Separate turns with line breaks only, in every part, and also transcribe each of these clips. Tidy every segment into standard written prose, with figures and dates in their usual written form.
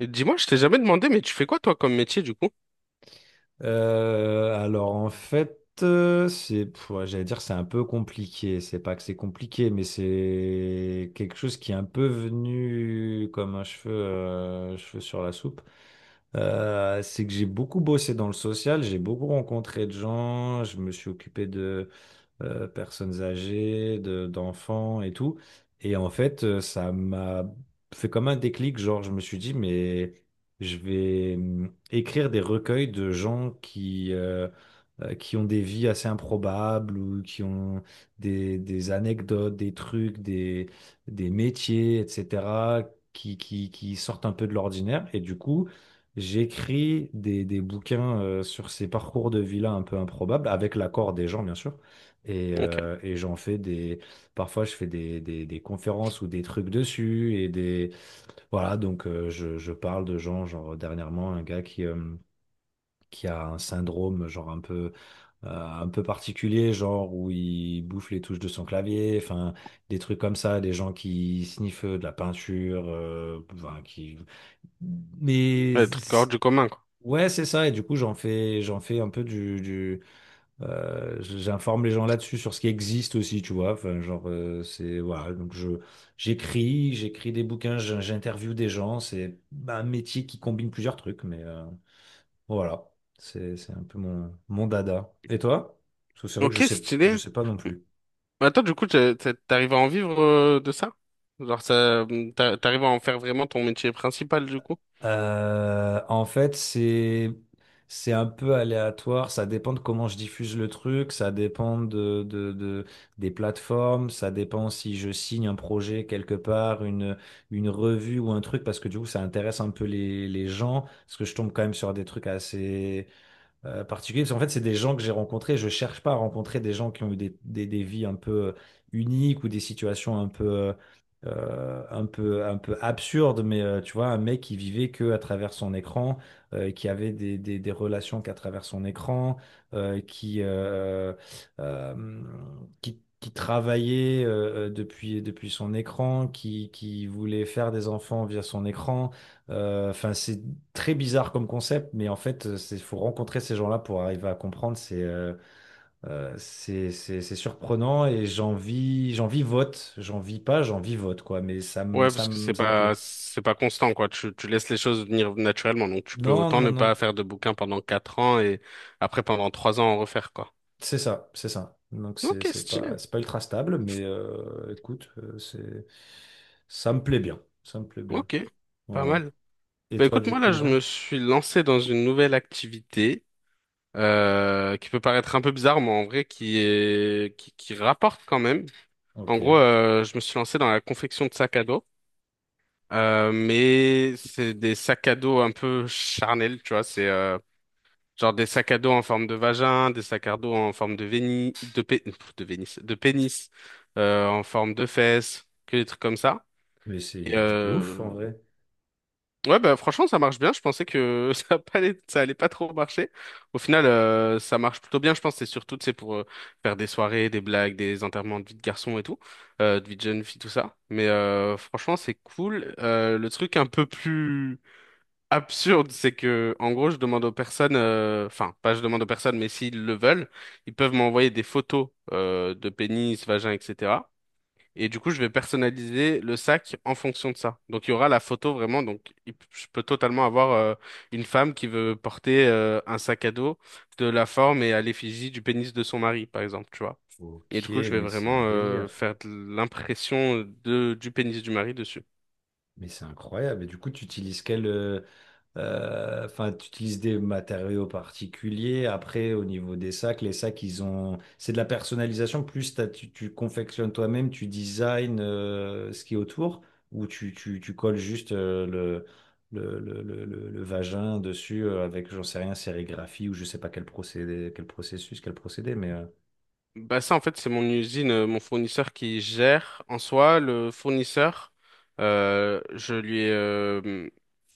Et dis-moi, je t'ai jamais demandé, mais tu fais quoi toi comme métier du coup?
Alors en fait, c'est, ouais, j'allais dire c'est un peu compliqué. C'est pas que c'est compliqué, mais c'est quelque chose qui est un peu venu comme un cheveu, cheveu sur la soupe. C'est que j'ai beaucoup bossé dans le social, j'ai beaucoup rencontré de gens, je me suis occupé de personnes âgées, d'enfants et tout. Et en fait, ça m'a fait comme un déclic, genre je me suis dit, mais je vais écrire des recueils de gens qui ont des vies assez improbables ou qui ont des anecdotes, des métiers, etc., qui sortent un peu de l'ordinaire. Et du coup, j'écris des bouquins sur ces parcours de vie-là un peu improbables, avec l'accord des gens, bien sûr.
Ok.
Et j'en fais des. Parfois, je fais des conférences ou des trucs dessus. Et des. Voilà, donc je parle de gens, genre dernièrement, un gars qui qui a un syndrome, genre un peu particulier, genre où il bouffe les touches de son clavier, enfin, des trucs comme ça, des gens qui sniffent de la peinture, enfin, qui. Mais.
Ouais, truc hors
c'est-
du commun, quoi.
Ouais, c'est ça. Et du coup, j'en fais un peu du. J'informe les gens là-dessus sur ce qui existe aussi, tu vois. Enfin, genre, c'est voilà. Donc je j'écris des bouquins, j'interviewe des gens. C'est bah, un métier qui combine plusieurs trucs, mais bon, voilà. C'est un peu mon dada. Et toi? Parce que c'est vrai que
Ok,
je
stylé.
sais pas non plus.
Mais attends, du coup, t'arrives à en vivre de ça? Genre, ça, t'arrives à en faire vraiment ton métier principal du coup?
En fait, c'est un peu aléatoire. Ça dépend de comment je diffuse le truc. Ça dépend de- des plateformes. Ça dépend si je signe un projet quelque part, une revue ou un truc, parce que du coup, ça intéresse un peu les gens. Parce que je tombe quand même sur des trucs assez particulier, parce qu'en fait, c'est des gens que j'ai rencontrés. Je cherche pas à rencontrer des gens qui ont eu des vies un peu uniques ou des situations un peu, un peu absurdes, mais tu vois, un mec qui vivait que à travers son écran, qui avait des relations qu'à travers son écran, euh, qui, euh, euh, euh, qui travaillait depuis son écran, qui voulait faire des enfants via son écran. Enfin, c'est très bizarre comme concept, mais en fait, il faut rencontrer ces gens-là pour arriver à comprendre. C'est surprenant et j'en vis vote. J'en vis pas, j'en vis vote, quoi. Mais
Ouais, parce que c'est
ça me plaît.
pas, c'est pas constant, quoi. Tu laisses les choses venir naturellement, donc tu peux
Non,
autant ne
non,
pas
non.
faire de bouquin pendant 4 ans et après pendant 3 ans en refaire, quoi.
C'est ça, c'est ça. Donc,
Ok, stylé.
c'est pas ultra stable, mais écoute, c'est, ça me plaît bien. Ça me plaît bien.
Ok, pas
Voilà.
mal.
Et
Bah
toi,
écoute,
du
moi là,
coup,
je
ouais?
me suis lancé dans une nouvelle activité, qui peut paraître un peu bizarre, mais en vrai qui rapporte quand même. En
Ok.
gros, je me suis lancé dans la confection de sacs à dos, mais c'est des sacs à dos un peu charnels, tu vois. C'est genre des sacs à dos en forme de vagin, des sacs à dos en forme de vénis, de pénis, en forme de fesses, que des trucs comme ça.
Mais c'est une idée de ouf, en
euh,
vrai.
Ouais, bah, franchement, ça marche bien. Je pensais que ça allait pas trop marcher. Au final, ça marche plutôt bien. Je pense que c'est surtout, tu sais, pour faire des soirées, des blagues, des enterrements de vie de garçon et tout, de vie de jeune fille, tout ça. Mais franchement, c'est cool. Le truc un peu plus absurde, c'est que, en gros, je demande aux personnes, enfin, pas je demande aux personnes, mais s'ils le veulent, ils peuvent m'envoyer des photos de pénis, vagin, etc. Et du coup, je vais personnaliser le sac en fonction de ça. Donc, il y aura la photo vraiment. Donc, je peux totalement avoir une femme qui veut porter un sac à dos de la forme et à l'effigie du pénis de son mari, par exemple, tu vois. Et
Ok,
du coup, je vais
mais c'est un
vraiment
délire.
faire de l'impression de du pénis du mari dessus.
Mais c'est incroyable. Et du coup, tu utilises quel, Enfin, tu utilises des matériaux particuliers. Après, au niveau des sacs, les sacs, ils ont, c'est de la personnalisation. Plus tu confectionnes toi-même, tu designs ce qui est autour, ou tu colles juste le vagin dessus avec, j'en sais rien, sérigraphie ou je sais pas quel procédé, quel processus, quel procédé, mais
Bah ça, en fait, c'est mon usine, mon fournisseur qui gère. En soi, le fournisseur, je lui ai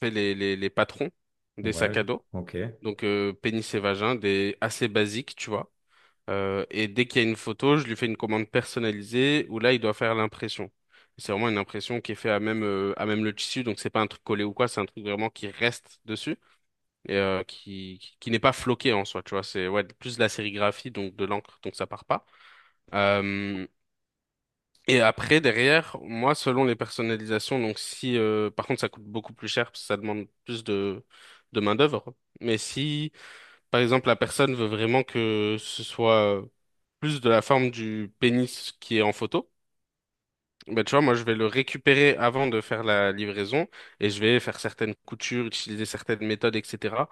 fait les patrons des
ouais,
sacs à dos.
ok.
Donc pénis et vagin, des assez basiques, tu vois. Et dès qu'il y a une photo, je lui fais une commande personnalisée où là, il doit faire l'impression. C'est vraiment une impression qui est faite à même le tissu, donc c'est pas un truc collé ou quoi, c'est un truc vraiment qui reste dessus et qui n'est pas floqué en soi, tu vois. C'est ouais, plus de la sérigraphie, donc de l'encre, donc ça part pas. Euh, et après, derrière, moi, selon les personnalisations, donc si, par contre, ça coûte beaucoup plus cher parce que ça demande plus de main-d'œuvre, mais si. Par exemple, la personne veut vraiment que ce soit plus de la forme du pénis qui est en photo. Ben, tu vois, moi, je vais le récupérer avant de faire la livraison et je vais faire certaines coutures, utiliser certaines méthodes, etc.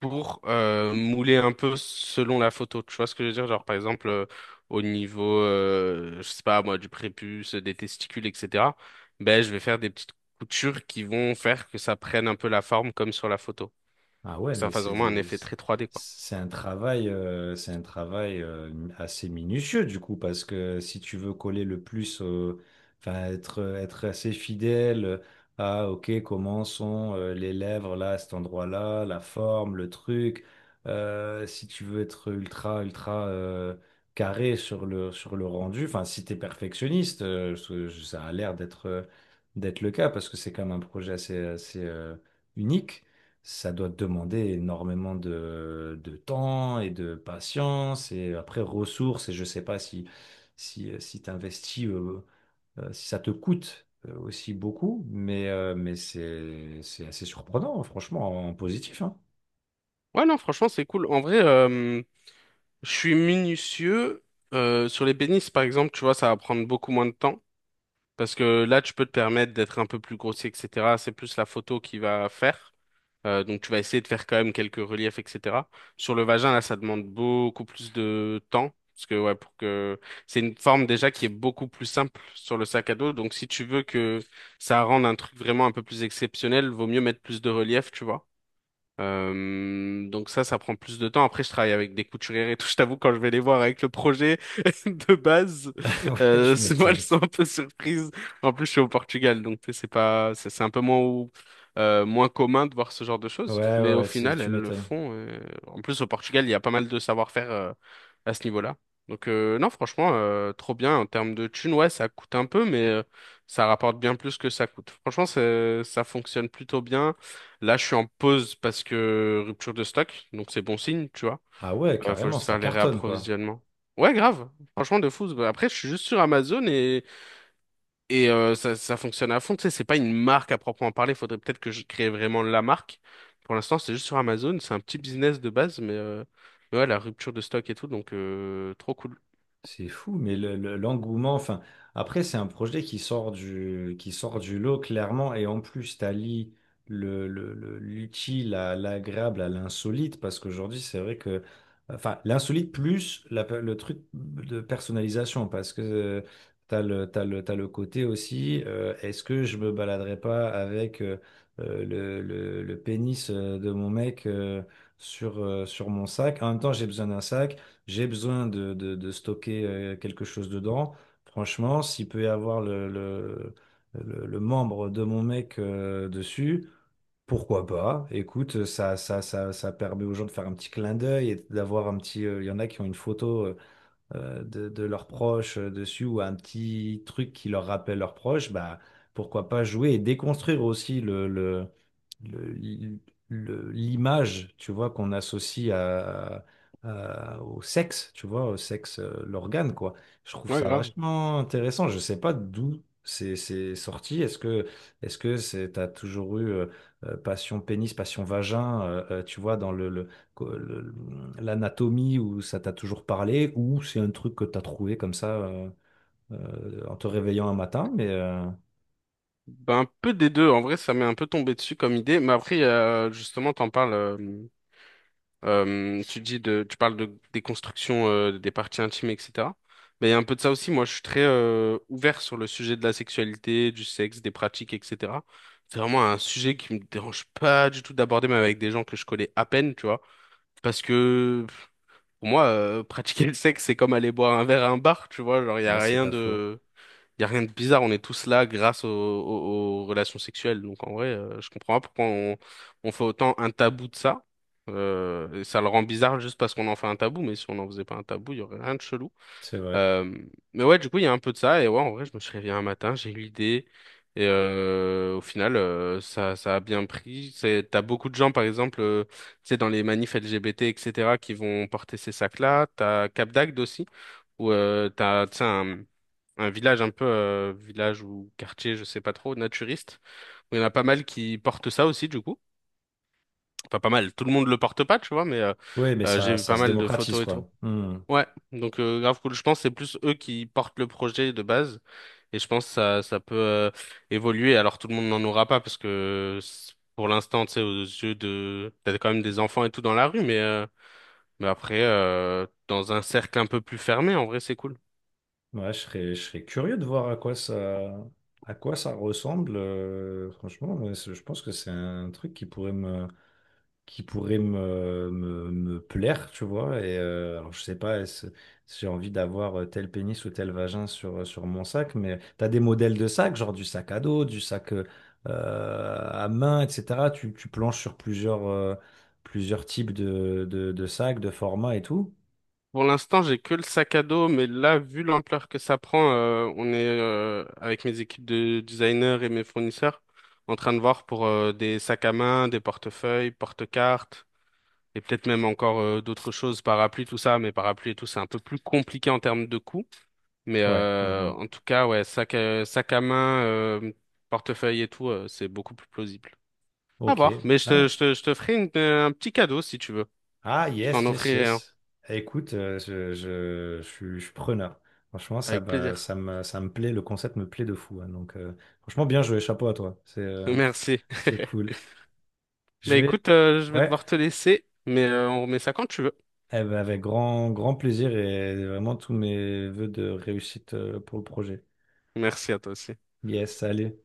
pour mouler un peu selon la photo. Tu vois ce que je veux dire? Genre, par exemple, au niveau, je sais pas, moi, du prépuce, des testicules, etc. Ben, je vais faire des petites coutures qui vont faire que ça prenne un peu la forme comme sur la photo.
Ah ouais,
Que ça
mais
fasse vraiment un effet très 3D.
c'est un travail assez minutieux du coup, parce que si tu veux coller le plus, enfin être assez fidèle à ok comment sont les lèvres là à cet endroit-là, la forme, le truc, si tu veux être ultra carré sur le rendu, enfin si t'es perfectionniste, ça a l'air d'être le cas parce que c'est quand même un projet assez unique ça doit te demander énormément de temps et de patience et après ressources et je sais pas si si t'investis si ça te coûte aussi beaucoup mais c'est assez surprenant hein, franchement en positif hein.
Ouais, non, franchement, c'est cool. En vrai, je suis minutieux sur les bénisses, par exemple, tu vois, ça va prendre beaucoup moins de temps. Parce que là, tu peux te permettre d'être un peu plus grossier, etc. C'est plus la photo qui va faire. Donc, tu vas essayer de faire quand même quelques reliefs, etc. Sur le vagin, là, ça demande beaucoup plus de temps. Parce que, ouais, pour que. C'est une forme déjà qui est beaucoup plus simple sur le sac à dos. Donc, si tu veux que ça rende un truc vraiment un peu plus exceptionnel, vaut mieux mettre plus de relief, tu vois. Donc ça, ça prend plus de temps. Après, je travaille avec des couturières et tout. Je t'avoue, quand je vais les voir avec le projet de base,
Ouais, tu
c'est moi, elles
m'étonnes.
sont un peu surprises. En plus, je suis au Portugal, donc tu sais, c'est pas, c'est un peu moins, moins commun de voir ce genre de
Ouais
choses.
ouais,
Mais au
ouais,
final,
tu
elles le
m'étonnes.
font. En plus, au Portugal, il y a pas mal de savoir-faire à ce niveau-là. Donc non, franchement, trop bien en termes de thunes. Ouais, ça coûte un peu, mais ça rapporte bien plus que ça coûte. Franchement, ça fonctionne plutôt bien. Là, je suis en pause parce que rupture de stock, donc c'est bon signe, tu vois.
Ah ouais,
Faut
carrément,
juste
ça
faire les
cartonne quoi.
réapprovisionnements. Ouais, grave. Franchement, de fou. Après, je suis juste sur Amazon et ça, ça fonctionne à fond. Tu sais, c'est pas une marque à proprement parler. Faudrait peut-être que je crée vraiment la marque. Pour l'instant, c'est juste sur Amazon. C'est un petit business de base, mais ouais, la rupture de stock et tout, donc trop cool.
C'est fou, mais l'engouement, enfin, après, c'est un projet qui sort qui sort du lot, clairement, et en plus, t'allies l'utile à l'agréable, à l'insolite, parce qu'aujourd'hui, c'est vrai que, enfin, l'insolite plus le truc de personnalisation, parce que t'as le côté aussi, est-ce que je me baladerais pas avec le pénis de mon mec sur mon sac? En même temps, j'ai besoin d'un sac j'ai besoin de stocker quelque chose dedans. Franchement, s'il peut y avoir le membre de mon mec dessus, pourquoi pas? Écoute, ça permet aux gens de faire un petit clin d'œil et d'avoir un petit. Il y en a qui ont une photo de leurs proches dessus ou un petit truc qui leur rappelle leurs proches. Bah, pourquoi pas jouer et déconstruire aussi le- l'image, tu vois, qu'on associe à, au sexe, tu vois, au sexe, l'organe, quoi. Je trouve
Ouais,
ça
grave.
vachement intéressant. Je sais pas d'où c'est sorti. Est-ce que c'est t'as toujours eu passion pénis, passion vagin, tu vois, dans co- le- l'anatomie où ça t'a toujours parlé, ou c'est un truc que t'as trouvé comme ça en te réveillant un matin, mais
Ben, un peu des deux. En vrai, ça m'est un peu tombé dessus comme idée. Mais après, justement, t'en parles. Tu parles de, des constructions, des parties intimes, etc. Mais il y a un peu de ça aussi. Moi, je suis très ouvert sur le sujet de la sexualité, du sexe, des pratiques, etc. C'est vraiment un sujet qui me dérange pas du tout d'aborder, même avec des gens que je connais à peine, tu vois. Parce que pour moi, pratiquer le sexe, c'est comme aller boire un verre à un bar, tu vois. Genre,
ouais, c'est pas faux.
il n'y a rien de bizarre, on est tous là grâce aux relations sexuelles. Donc en vrai, je comprends pas pourquoi on fait autant un tabou de ça. Et ça le rend bizarre juste parce qu'on en fait un tabou, mais si on n'en faisait pas un tabou, il y aurait rien de chelou.
C'est vrai.
Euh, mais ouais, du coup, il y a un peu de ça. Et ouais, en vrai, je me suis réveillé un matin, j'ai eu l'idée. Au final, ça, ça a bien pris. T'as beaucoup de gens, par exemple, tu sais, dans les manifs LGBT, etc., qui vont porter ces sacs-là. T'as Cap d'Agde aussi où tu sais, un village ou quartier, je sais pas trop, naturiste, où il y en a pas mal qui portent ça aussi, du coup. Enfin, pas mal, tout le monde le porte pas, tu vois, mais
Oui, mais
j'ai
ça,
vu
ça
pas
se
mal de
démocratise,
photos et tout.
quoi. Hmm.
Ouais, donc grave cool. Je pense que c'est plus eux qui portent le projet de base, et je pense que ça peut évoluer. Alors tout le monde n'en aura pas, parce que pour l'instant, tu sais, t'as quand même des enfants et tout dans la rue, mais après, dans un cercle un peu plus fermé, en vrai, c'est cool.
Ouais, je serais curieux de voir à quoi ça ressemble. Franchement, ouais, je pense que c'est un truc qui pourrait me, me plaire, tu vois. Et alors, je sais pas si j'ai envie d'avoir tel pénis ou tel vagin sur, sur mon sac, mais tu as des modèles de sacs, genre du sac à dos, du sac à main, etc. Tu planches sur plusieurs, plusieurs types de sacs, de formats et tout.
Pour l'instant, j'ai que le sac à dos, mais là, vu l'ampleur que ça prend, on est avec mes équipes de designers et mes fournisseurs en train de voir pour des sacs à main, des portefeuilles, porte-cartes et peut-être même encore d'autres choses, parapluies, tout ça. Mais parapluies et tout, c'est un peu plus compliqué en termes de coûts. Mais
Ouais.
euh,
Mmh.
en tout cas, ouais, sac à main, portefeuille et tout, c'est beaucoup plus plausible. À
Ok.
voir. Mais je te,
Ah,
je te, je te ferai un petit cadeau si tu veux.
Ah,
Je t'en
yes, yes,
offrirai un
yes. Écoute, je suis preneur. Franchement,
avec plaisir.
ça me plaît, le concept me plaît de fou. Hein. Donc, franchement, bien joué, chapeau à toi.
Merci.
C'est cool. Je
Bah
vais,
écoute, je vais
ouais,
devoir te laisser, mais on remet ça quand tu veux.
eh ben, avec grand plaisir et vraiment tous mes vœux de réussite pour le projet.
Merci à toi aussi.
Yes, allez.